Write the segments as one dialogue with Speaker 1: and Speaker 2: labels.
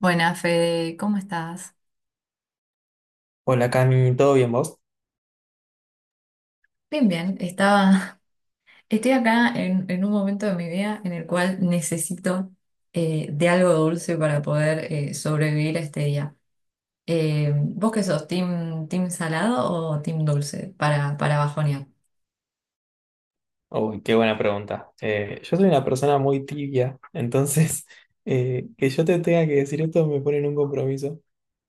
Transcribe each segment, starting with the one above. Speaker 1: Buenas, Fede, ¿cómo estás?
Speaker 2: Hola Cami, ¿todo bien vos?
Speaker 1: Bien, bien, estaba, estoy acá en un momento de mi vida en el cual necesito de algo dulce para poder sobrevivir a este día. ¿Vos qué sos, team salado o team dulce para bajonear?
Speaker 2: Uy, qué buena pregunta. Yo soy una persona muy tibia, entonces que yo te tenga que decir esto me pone en un compromiso.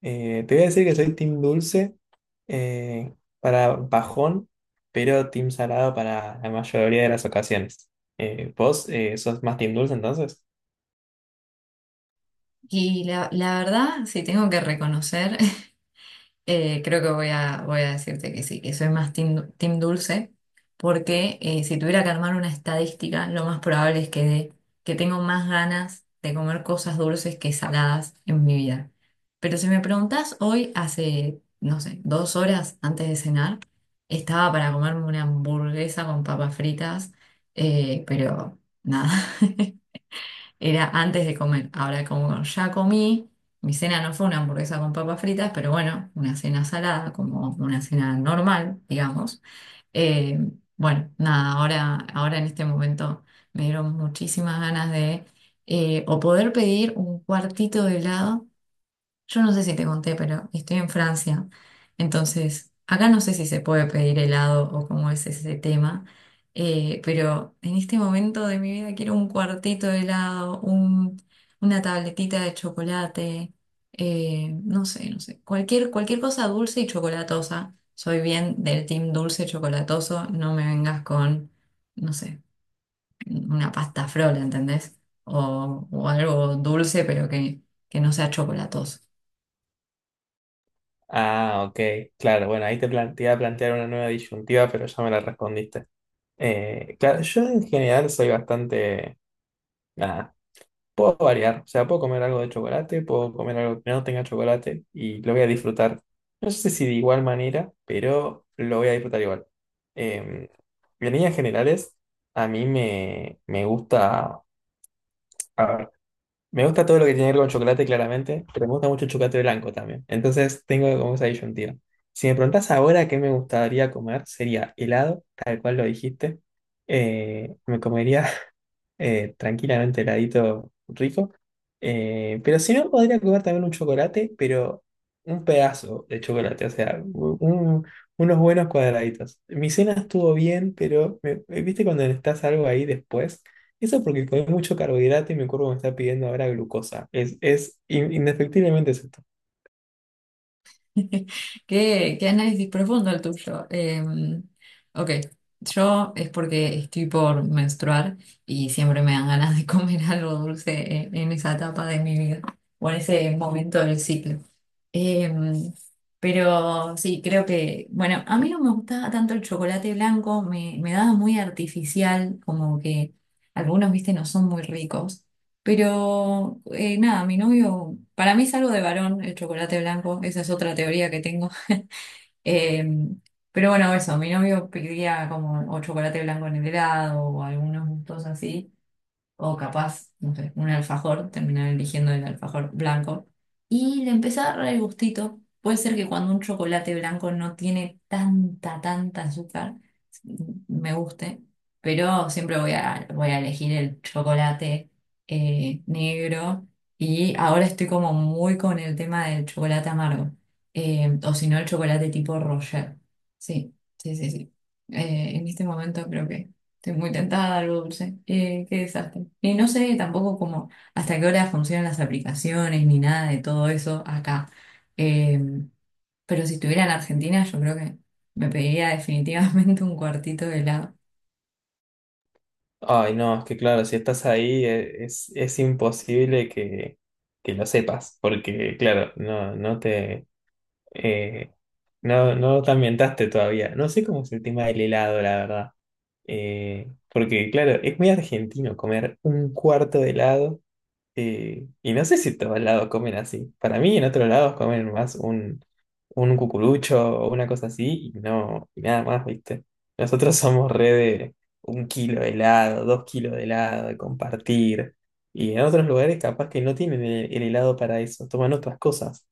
Speaker 2: Te voy a decir que soy team dulce eh, para bajón, pero team salado para la mayoría de las ocasiones. ¿Vos sos más team dulce entonces?
Speaker 1: Y la verdad, sí, tengo que reconocer. Creo que voy a decirte que sí, que soy más team dulce, porque si tuviera que armar una estadística, lo más probable es que, que tengo más ganas de comer cosas dulces que saladas en mi vida. Pero si me preguntás hoy, hace, no sé, 2 horas antes de cenar, estaba para comerme una hamburguesa con papas fritas, pero nada. Era antes de comer. Ahora, como ya comí, mi cena no fue una hamburguesa con papas fritas, pero bueno, una cena salada, como una cena normal, digamos. Eh, bueno, nada, ahora en este momento me dieron muchísimas ganas de o poder pedir un cuartito de helado. Yo no sé si te conté, pero estoy en Francia. Entonces, acá no sé si se puede pedir helado o cómo es ese tema. Pero en este momento de mi vida quiero un cuartito de helado, una tabletita de chocolate, no sé, no sé. Cualquier, cualquier cosa dulce y chocolatosa. Soy bien del team dulce chocolatoso. No me vengas con, no sé, una pasta frola, ¿entendés? O algo dulce, pero que no sea chocolatoso.
Speaker 2: Ah, ok, claro, bueno, te iba a plantear una nueva disyuntiva, pero ya me la respondiste. Claro, yo en general soy bastante... nada, puedo variar, o sea, puedo comer algo de chocolate, puedo comer algo que no tenga chocolate y lo voy a disfrutar. No sé si de igual manera, pero lo voy a disfrutar igual. Eh, en líneas generales, me gusta, a me gusta todo lo que tiene que ver con chocolate, claramente, pero me gusta mucho el chocolate blanco también. Entonces tengo como esa disyuntiva. Si me preguntás ahora qué me gustaría comer, sería helado, tal cual lo dijiste. Me comería tranquilamente heladito rico. Pero si no, podría comer también un chocolate, pero un pedazo de chocolate, o sea, unos buenos cuadraditos. Mi cena estuvo bien, pero viste cuando necesitas algo ahí después. Eso porque comí mucho carbohidrato y mi cuerpo me está pidiendo ahora glucosa. Indefectiblemente es esto.
Speaker 1: Qué, qué análisis profundo el tuyo. Ok, yo es porque estoy por menstruar y siempre me dan ganas de comer algo dulce en esa etapa de mi vida o en ese momento del ciclo. Eh, pero sí, creo que, bueno, a mí no me gustaba tanto el chocolate blanco, me daba muy artificial, como que algunos, viste, no son muy ricos. Pero nada, mi novio, para mí es algo de varón el chocolate blanco, esa es otra teoría que tengo. Eh, pero bueno, eso, mi novio pedía como o chocolate blanco en el helado o algunos gustos así o capaz, no sé, un alfajor, terminar eligiendo el alfajor blanco, y le empieza a dar el gustito. Puede ser que cuando un chocolate blanco no tiene tanta, tanta azúcar, me guste, pero siempre voy a elegir el chocolate negro y ahora estoy como muy con el tema del chocolate amargo, o si no el chocolate tipo Roger. Sí, sí, sí, sí. En este momento creo que... Estoy muy tentada al dulce. Qué desastre. Y no sé tampoco cómo hasta qué hora funcionan las aplicaciones ni nada de todo eso acá. Eh, pero si estuviera en Argentina, yo creo que me pediría definitivamente un cuartito de helado.
Speaker 2: Ay, no, es que claro, si estás ahí es imposible que lo sepas, porque claro, no te eh, no te ambientaste todavía. No sé cómo es el tema del helado, la verdad. Porque claro, es muy argentino comer un cuarto de helado. Y no sé si en todos lados comen así. Para mí, en otros lados comen más un cucurucho o una cosa así y no, y nada más, ¿viste? Nosotros somos re de un kilo de helado, dos kilos de helado, de compartir. Y en otros lugares capaz que no tienen el helado para eso, toman otras cosas.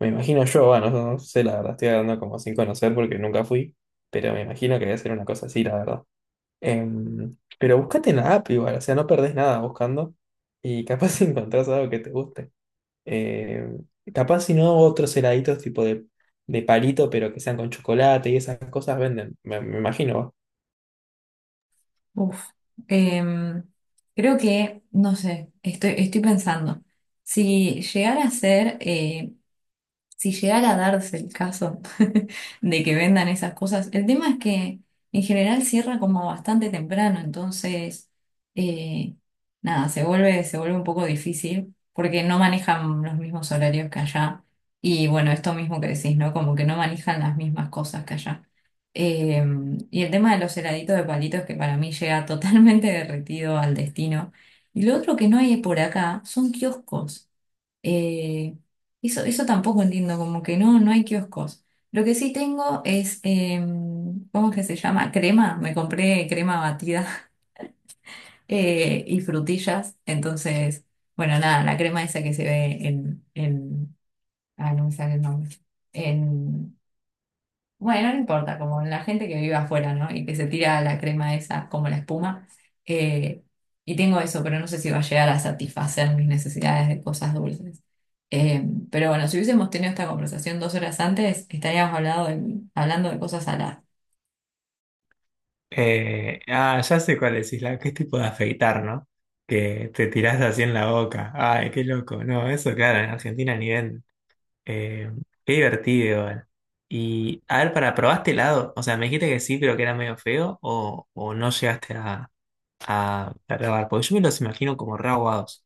Speaker 2: Me imagino yo, bueno, no sé, la verdad, estoy hablando como sin conocer porque nunca fui, pero me imagino que debe ser una cosa así, la verdad. Pero búscate en la app igual, o sea, no perdés nada buscando y capaz si encontrás algo que te guste. Em, Capaz si no, otros heladitos de palito, pero que sean con chocolate y esas cosas venden, me imagino. Va.
Speaker 1: Uf. Eh, Creo que, no sé, estoy, estoy pensando. Si llegara a ser si llegara a darse el caso de que vendan esas cosas, el tema es que en general cierra como bastante temprano, entonces, eh, nada, se vuelve un poco difícil porque no manejan los mismos horarios que allá. Y bueno, esto mismo que decís, ¿no? Como que no manejan las mismas cosas que allá. Eh, y el tema de los heladitos de palitos que para mí llega totalmente derretido al destino. Y lo otro que no hay por acá son kioscos. Eh, Eso, eso tampoco entiendo, como que no, no hay kioscos. Lo que sí tengo es, ¿cómo es que se llama? Crema. Me compré crema batida y frutillas. Entonces, bueno, nada, la crema esa que se ve en, ah, no me sale el nombre. Bueno, no importa, como la gente que vive afuera, ¿no? Y que se tira la crema esa como la espuma. eh, y tengo eso, pero no sé si va a llegar a satisfacer mis necesidades de cosas dulces. Eh, pero bueno, si hubiésemos tenido esta conversación 2 horas antes, estaríamos hablando de cosas saladas.
Speaker 2: Ah, ya sé cuál es, Isla, qué tipo de afeitar, ¿no? Que te tirás así en la boca. Ay, qué loco. No, eso, claro, en Argentina ni ven. Eh, qué divertido, igual. Y, a ver, para, ¿probaste helado? O sea, me dijiste que sí, pero que era medio feo, o no llegaste a grabar, porque yo me los imagino como re aguados.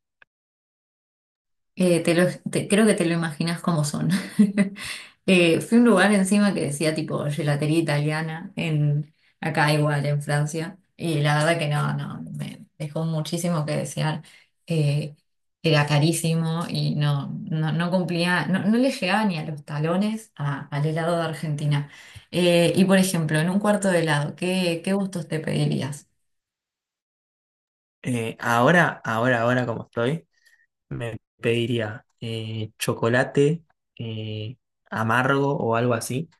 Speaker 1: Te lo creo que te lo imaginas como son. Fui a un lugar encima que decía tipo gelatería italiana, en, acá igual en Francia, y la verdad que no, no, me dejó muchísimo que desear. Eh, Era carísimo y no, no, no cumplía, no, no le llegaba ni a los talones al helado de Argentina. Y por ejemplo, en un cuarto de helado, ¿qué, qué gustos te pedirías?
Speaker 2: Ahora como estoy, me pediría chocolate eh, amargo o algo así.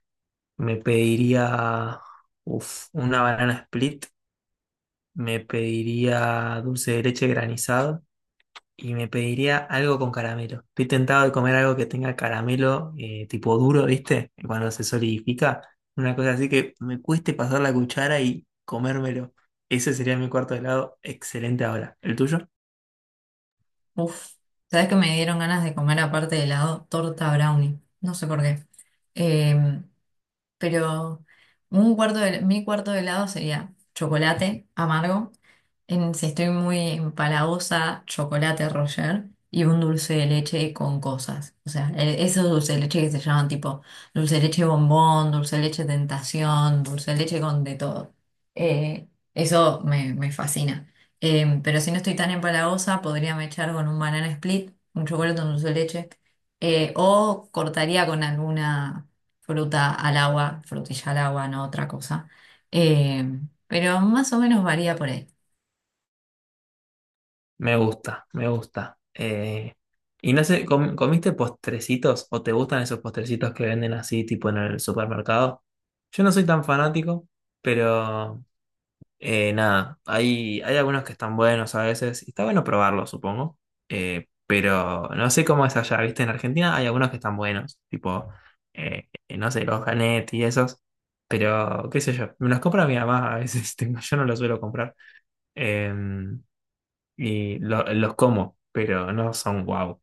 Speaker 2: Me pediría uf, una banana split. Me pediría dulce de leche granizado. Y me pediría algo con caramelo. Estoy tentado de comer algo que tenga caramelo tipo duro, ¿viste? Cuando se solidifica. Una cosa así que me cueste pasar la cuchara y comérmelo. Ese sería mi cuarto de helado. Excelente ahora. ¿El tuyo?
Speaker 1: Uf, ¿sabes que me dieron ganas de comer aparte de helado, torta brownie? No sé por qué. Eh, pero un cuarto de, mi cuarto de helado sería chocolate amargo, en, si estoy muy empalagosa, chocolate Roger y un dulce de leche con cosas. O sea, esos dulces de leche que se llaman tipo dulce de leche bombón, dulce de leche tentación, dulce de leche con de todo. Eh, Eso me, me fascina. Pero si no estoy tan empalagosa, podría me echar con un banana split, un chocolate con dulce de leche, o cortaría con alguna fruta al agua, frutilla al agua, no otra cosa. Eh, pero más o menos varía por ahí.
Speaker 2: Me gusta, me gusta. Y no sé, ¿comiste postrecitos o te gustan esos postrecitos que venden así tipo en el supermercado? Yo no soy tan fanático, pero nada, hay algunos que están buenos a veces y está bueno probarlos, supongo. Pero no sé cómo es allá, ¿viste? En Argentina hay algunos que están buenos, tipo, no sé, los Ganet y esos. Pero, qué sé yo, me los compra mi mamá a veces, tipo, yo no los suelo comprar. Eh, y los como, pero no son guau.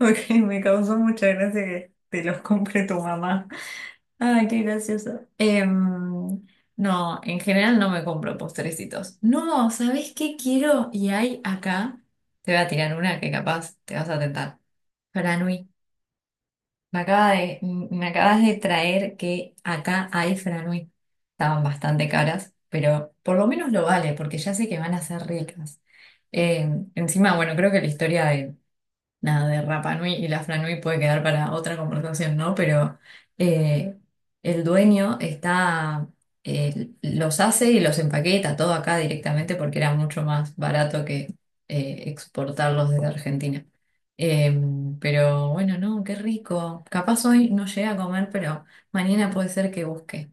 Speaker 1: Ok, me causó mucha gracia que te los compre tu mamá. Ay, qué gracioso. No, en general no me compro postrecitos. No, ¿sabés qué quiero? Y hay acá, te voy a tirar una que capaz te vas a tentar. Franui. Me acaba de, me acabas de traer que acá hay franui. Estaban bastante caras, pero por lo menos lo vale, porque ya sé que van a ser ricas. Eh, Encima, bueno, creo que la historia nada de Rapa Nui y la Franui puede quedar para otra conversación, ¿no? Pero eh, el dueño está, los hace y los empaqueta todo acá directamente porque era mucho más barato que exportarlos desde Argentina. Eh, pero bueno, no, qué rico. Capaz hoy no llegué a comer, pero mañana puede ser que busque.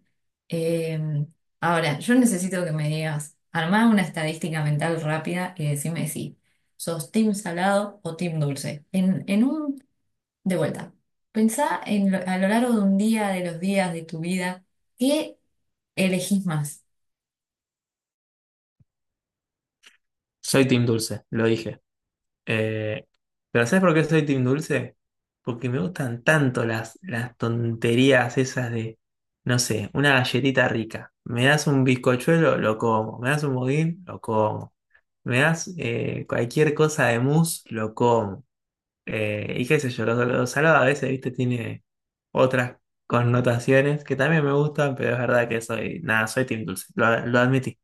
Speaker 1: Eh, Ahora, yo necesito que me digas, armá una estadística mental rápida y decime si ¿sos team salado o team dulce? En un, de vuelta, pensá a lo largo de un día, de los días de tu vida, ¿qué elegís más?
Speaker 2: Soy team dulce, lo dije. Eh, pero ¿sabes por qué soy Team Dulce? Porque me gustan tanto las tonterías esas de, no sé, una galletita rica. Me das un bizcochuelo, lo como. Me das un budín, lo como. Me das cualquier cosa de mousse, lo como. Y qué sé yo, lo salado a veces, viste, tiene otras connotaciones que también me gustan, pero es verdad que soy, nada, soy Team Dulce, lo admití.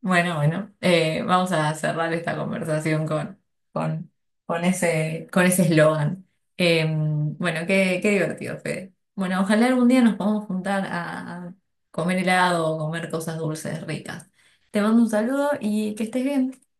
Speaker 1: Bueno, bueno, vamos a cerrar esta conversación con, con ese eslogan. Bueno, qué, qué divertido, Fede. Bueno, ojalá algún día nos podamos juntar a comer helado o comer cosas dulces ricas. Te mando un saludo y que estés bien.